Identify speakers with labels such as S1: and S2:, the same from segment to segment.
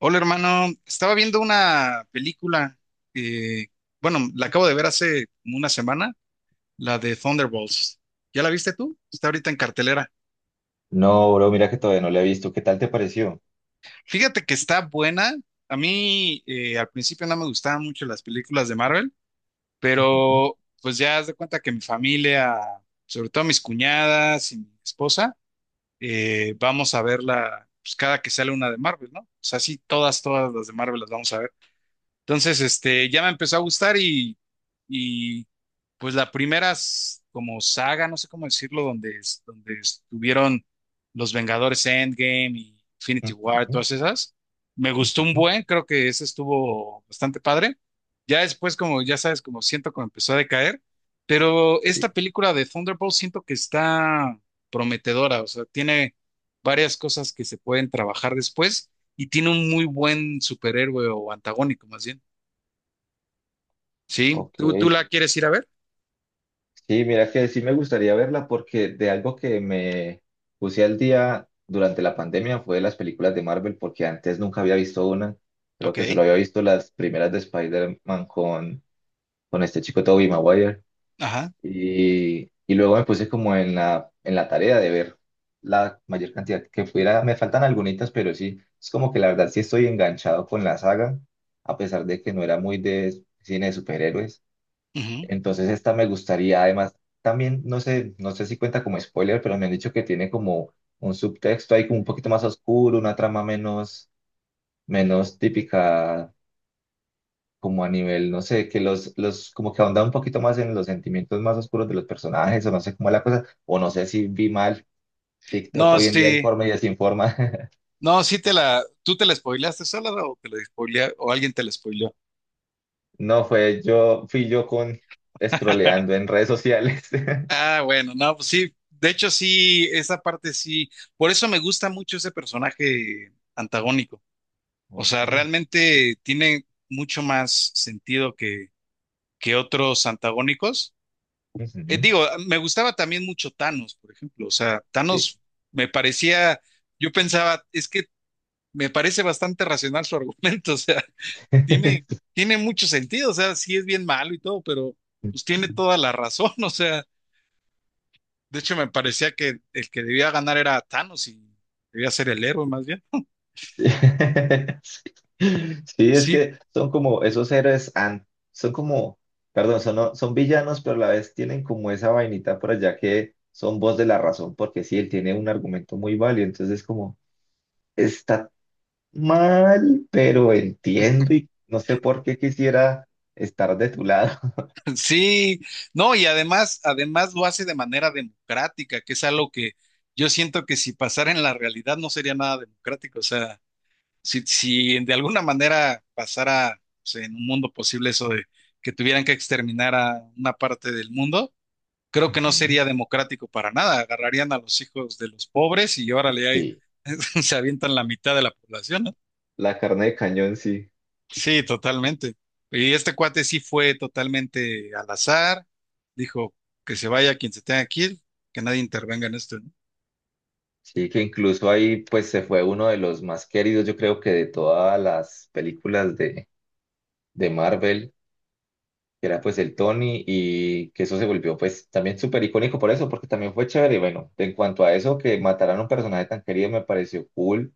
S1: Hola hermano, estaba viendo una película que, bueno, la acabo de ver hace como una semana, la de Thunderbolts. ¿Ya la viste tú? Está ahorita en cartelera.
S2: No, bro, mira que todavía no la he visto. ¿Qué tal te pareció?
S1: Fíjate que está buena. A mí al principio no me gustaban mucho las películas de Marvel,
S2: Ujú,
S1: pero pues ya haz de cuenta que mi familia, sobre todo mis cuñadas y mi esposa, vamos a verla pues, cada que sale una de Marvel, ¿no? O sea, sí, todas las de Marvel las vamos a ver. Entonces, ya me empezó a gustar y pues la primera como saga, no sé cómo decirlo, donde estuvieron los Vengadores Endgame y Infinity War,
S2: ujú,
S1: todas esas, me gustó un
S2: ujú.
S1: buen, creo que ese estuvo bastante padre. Ya después, como ya sabes, como siento como empezó a decaer, pero
S2: Sí.
S1: esta película de Thunderbolt siento que está prometedora, o sea, tiene varias cosas que se pueden trabajar después y tiene un muy buen superhéroe o antagónico más bien. Sí,
S2: Ok,
S1: ¿tú la quieres ir a ver?
S2: sí, mira que sí me gustaría verla porque de algo que me puse al día durante la pandemia fue de las películas de Marvel, porque antes nunca había visto una. Creo
S1: Ok,
S2: que solo había visto las primeras de Spider-Man con este chico Tobey Maguire.
S1: ajá.
S2: Y luego me puse como en la tarea de ver la mayor cantidad que pudiera. Me faltan algunitas, pero sí, es como que la verdad sí estoy enganchado con la saga, a pesar de que no era muy de cine de superhéroes.
S1: Ujú.
S2: Entonces esta me gustaría, además, también, no sé, no sé si cuenta como spoiler, pero me han dicho que tiene como un subtexto ahí como un poquito más oscuro, una trama menos, menos típica, como a nivel, no sé, que los, como que ahonda un poquito más en los sentimientos más oscuros de los personajes, o no sé cómo es la cosa, o no sé si vi mal TikTok.
S1: No,
S2: Hoy en día
S1: sí,
S2: informa y desinforma.
S1: no, sí te la, ¿tú te la spoileaste sola o te la o alguien te la spoileó?
S2: No, fue yo, fui yo con scrolleando en redes sociales.
S1: Ah, bueno, no, pues sí, de hecho sí, esa parte sí, por eso me gusta mucho ese personaje antagónico, o sea,
S2: Ok.
S1: realmente tiene mucho más sentido que otros antagónicos,
S2: Ujú.
S1: digo, me gustaba también mucho Thanos, por ejemplo. O sea,
S2: Sí.
S1: Thanos me parecía, yo pensaba, es que me parece bastante racional su argumento. O sea, tiene, tiene mucho sentido. O sea, sí es bien malo y todo, pero pues tiene toda la razón. O sea, de hecho me parecía que el que debía ganar era Thanos y debía ser el héroe más bien.
S2: Sí. Sí, es
S1: Sí,
S2: que son como esos héroes, son como, perdón, son, son villanos, pero a la vez tienen como esa vainita por allá que son voz de la razón, porque sí, él tiene un argumento muy válido, entonces como, está mal, pero entiendo y no sé por qué quisiera estar de tu lado.
S1: sí, no, y además, además lo hace de manera democrática, que es algo que yo siento que si pasara en la realidad no sería nada democrático. O sea, si de alguna manera pasara pues, en un mundo posible eso de que tuvieran que exterminar a una parte del mundo, creo que no
S2: Ujú.
S1: sería democrático para nada. Agarrarían a los hijos de los pobres y órale, ahí
S2: Sí,
S1: se avientan la mitad de la población, ¿no?
S2: la carne de cañón, sí.
S1: Sí, totalmente. Y este cuate sí fue totalmente al azar, dijo que se vaya quien se tenga que ir, que nadie intervenga en esto, ¿no?
S2: Sí, que incluso ahí pues se fue uno de los más queridos, yo creo que de todas las películas de Marvel. Que era pues el Tony y que eso se volvió pues también súper icónico por eso, porque también fue chévere. Y bueno, en cuanto a eso, que mataran a un personaje tan querido me pareció cool.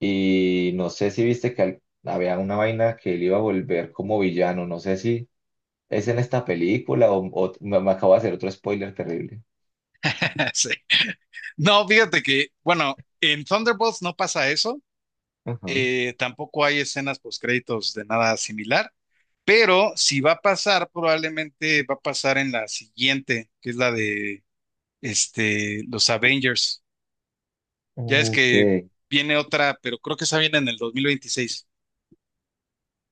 S2: Y no sé si viste que había una vaina que él iba a volver como villano, no sé si es en esta película o, me acabo de hacer otro spoiler terrible.
S1: Sí. No, fíjate que, bueno, en Thunderbolts no pasa eso,
S2: Ajá.
S1: tampoco hay escenas postcréditos de nada similar, pero si va a pasar, probablemente va a pasar en la siguiente, que es la de los Avengers. Ya es
S2: Ok,
S1: que viene otra, pero creo que esa viene en el 2026.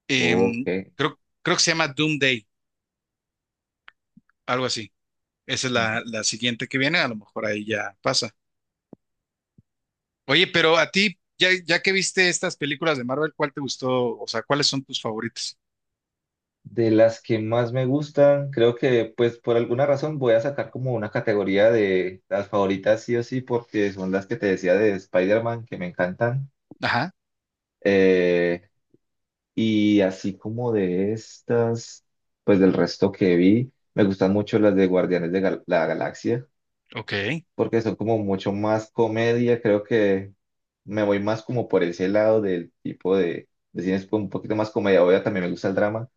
S1: Em,
S2: ok.
S1: creo que se llama Doomsday, algo así. Esa es la siguiente que viene, a lo mejor ahí ya pasa. Oye, pero a ti, ya que viste estas películas de Marvel, ¿cuál te gustó? O sea, ¿cuáles son tus favoritas?
S2: De las que más me gustan, creo que pues por alguna razón voy a sacar como una categoría de las favoritas sí o sí, porque son las que te decía de Spider-Man, que me encantan.
S1: Ajá,
S2: Eh, y así como de estas, pues del resto que vi, me gustan mucho las de Guardianes de la Galaxia,
S1: ok.
S2: porque son como mucho más comedia, creo que me voy más como por ese lado del tipo de cines con un poquito más comedia, obvio también me gusta el drama.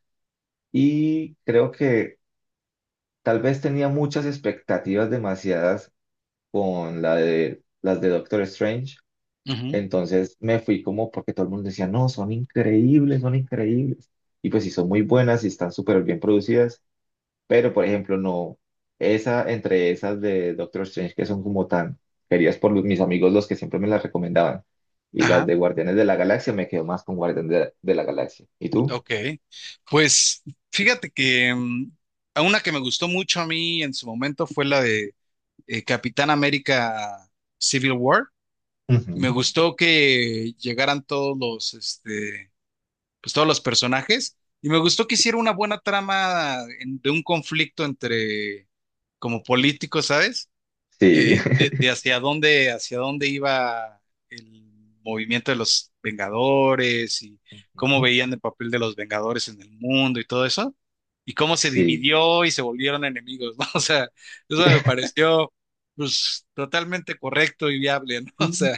S2: Y creo que tal vez tenía muchas expectativas demasiadas con la de las de Doctor Strange,
S1: Ujú.
S2: entonces me fui como porque todo el mundo decía, no, son increíbles, son increíbles. Y pues sí, son muy buenas y están súper bien producidas, pero por ejemplo, no, esa entre esas de Doctor Strange que son como tan queridas por mis amigos, los que siempre me las recomendaban, y las
S1: Ajá.
S2: de Guardianes de la Galaxia, me quedo más con Guardianes de la Galaxia. ¿Y tú?
S1: Ok, pues fíjate que a una que me gustó mucho a mí en su momento fue la de Capitán América Civil War. Me
S2: Ujú.
S1: gustó que llegaran todos los, pues todos los personajes y me gustó que hiciera una buena trama de un conflicto entre como políticos, ¿sabes?
S2: Sí.
S1: De hacia hacia dónde iba el movimiento de los Vengadores y cómo
S2: Ujú.
S1: veían el papel de los Vengadores en el mundo y todo eso, y cómo se
S2: Sí.
S1: dividió y se volvieron enemigos, ¿no? O sea, eso me pareció pues totalmente correcto y viable, ¿no? O sea,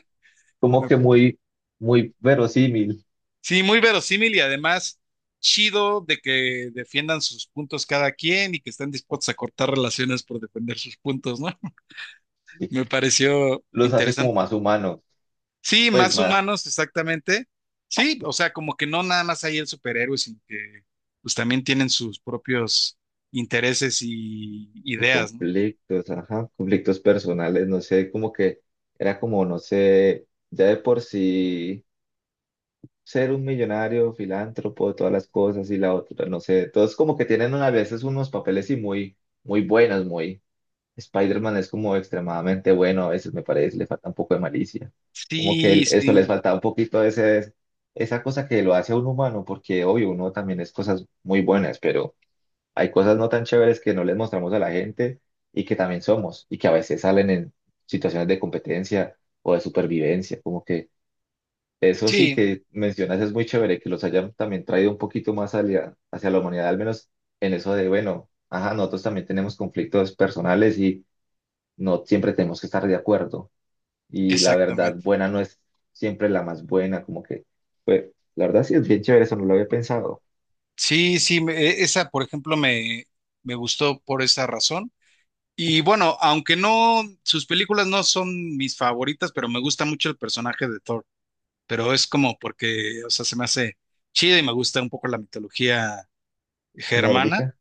S2: Como que muy, muy verosímil.
S1: sí, muy verosímil y además chido de que defiendan sus puntos cada quien y que estén dispuestos a cortar relaciones por defender sus puntos, ¿no?
S2: Sí,
S1: Me pareció
S2: los hace como
S1: interesante.
S2: más humanos,
S1: Sí,
S2: pues
S1: más
S2: más.
S1: humanos, exactamente. Sí, o sea, como que no nada más hay el superhéroe, sino que pues también tienen sus propios intereses y
S2: Y
S1: ideas, ¿no?
S2: conflictos, ajá, conflictos personales, no sé, como que era como, no sé, ya de por sí ser un millonario, filántropo, todas las cosas y la otra, no sé, todos como que tienen a veces unos papeles y muy, muy buenos, muy. Spider-Man es como extremadamente bueno, a veces me parece, le falta un poco de malicia. Como que
S1: Sí,
S2: esto les
S1: sí,
S2: falta un poquito de ese, esa cosa que lo hace a un humano, porque obvio, uno también es cosas muy buenas, pero hay cosas no tan chéveres que no les mostramos a la gente y que también somos, y que a veces salen en situaciones de competencia o de supervivencia. Como que eso sí
S1: sí,
S2: que mencionas es muy chévere, que los hayan también traído un poquito más hacia, hacia la humanidad, al menos en eso de, bueno, ajá, nosotros también tenemos conflictos personales y no siempre tenemos que estar de acuerdo y la verdad
S1: exactamente.
S2: buena no es siempre la más buena, como que, pues, la verdad sí es bien chévere, eso no lo había pensado.
S1: Sí, sí, esa, por ejemplo, me gustó por esa razón. Y bueno, aunque no, sus películas no son mis favoritas, pero me gusta mucho el personaje de Thor. Pero es como porque, o sea, se me hace chido y me gusta un poco la mitología germana.
S2: Nórdica.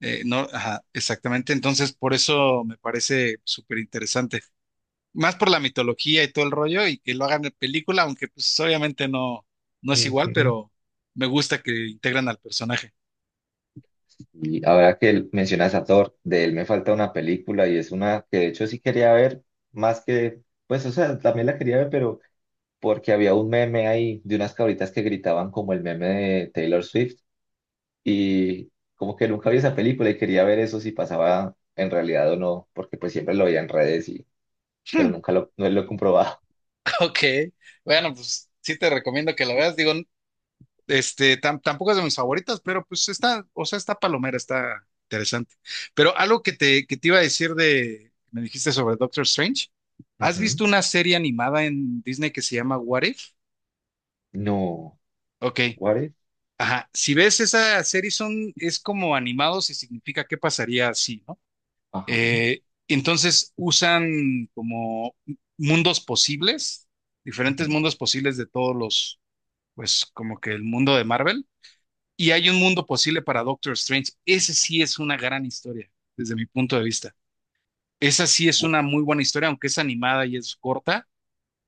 S1: No, ajá, exactamente. Entonces, por eso me parece súper interesante. Más por la mitología y todo el rollo y que lo hagan en película, aunque pues obviamente no, no es igual,
S2: Ujú.
S1: pero me gusta que integran al personaje.
S2: Y ahora que mencionas a Thor, de él me falta una película y es una que de hecho sí quería ver, más que, pues, o sea, también la quería ver, pero porque había un meme ahí de unas cabritas que gritaban como el meme de Taylor Swift y como que nunca vi esa película y quería ver eso si pasaba en realidad o no, porque pues siempre lo veía en redes pero
S1: Hmm.
S2: nunca no lo he comprobado.
S1: Ok, bueno, pues sí te recomiendo que lo veas. Digo, tampoco es de mis favoritas, pero pues está, o sea, está palomera, está interesante. Pero algo que te iba a decir de, me dijiste sobre Doctor Strange, ¿has
S2: Ujú.
S1: visto una serie animada en Disney que se llama What If?
S2: No,
S1: Ok,
S2: what if?
S1: ajá, si ves esa serie son, es como animados y significa qué pasaría así, ¿no?
S2: Ajá,
S1: Entonces usan como mundos posibles, diferentes
S2: ujú.
S1: mundos posibles de todos los, pues como que el mundo de Marvel, y hay un mundo posible para Doctor Strange. Ese sí es una gran historia, desde mi punto de vista. Esa sí es
S2: Bu-
S1: una muy buena historia, aunque es animada y es corta.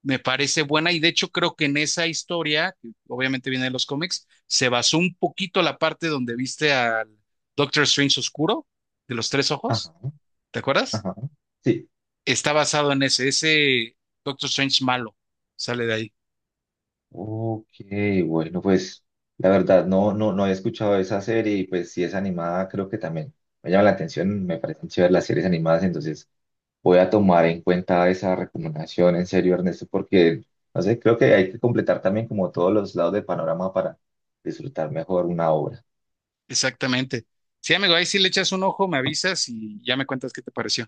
S1: Me parece buena y de hecho creo que en esa historia, que obviamente viene de los cómics, se basó un poquito la parte donde viste al Doctor Strange Oscuro de los tres ojos,
S2: ajá,
S1: ¿te acuerdas?
S2: ajá. Sí.
S1: Está basado en ese Doctor Strange malo, sale de ahí,
S2: Ok, bueno, pues la verdad no, no, no he escuchado esa serie y pues si es animada creo que también me llama la atención, me parecen chéveres las series animadas, entonces voy a tomar en cuenta esa recomendación en serio, Ernesto, porque no sé, creo que hay que completar también como todos los lados del panorama para disfrutar mejor una obra.
S1: exactamente. Sí, amigo, ahí sí le echas un ojo, me avisas y ya me cuentas qué te pareció.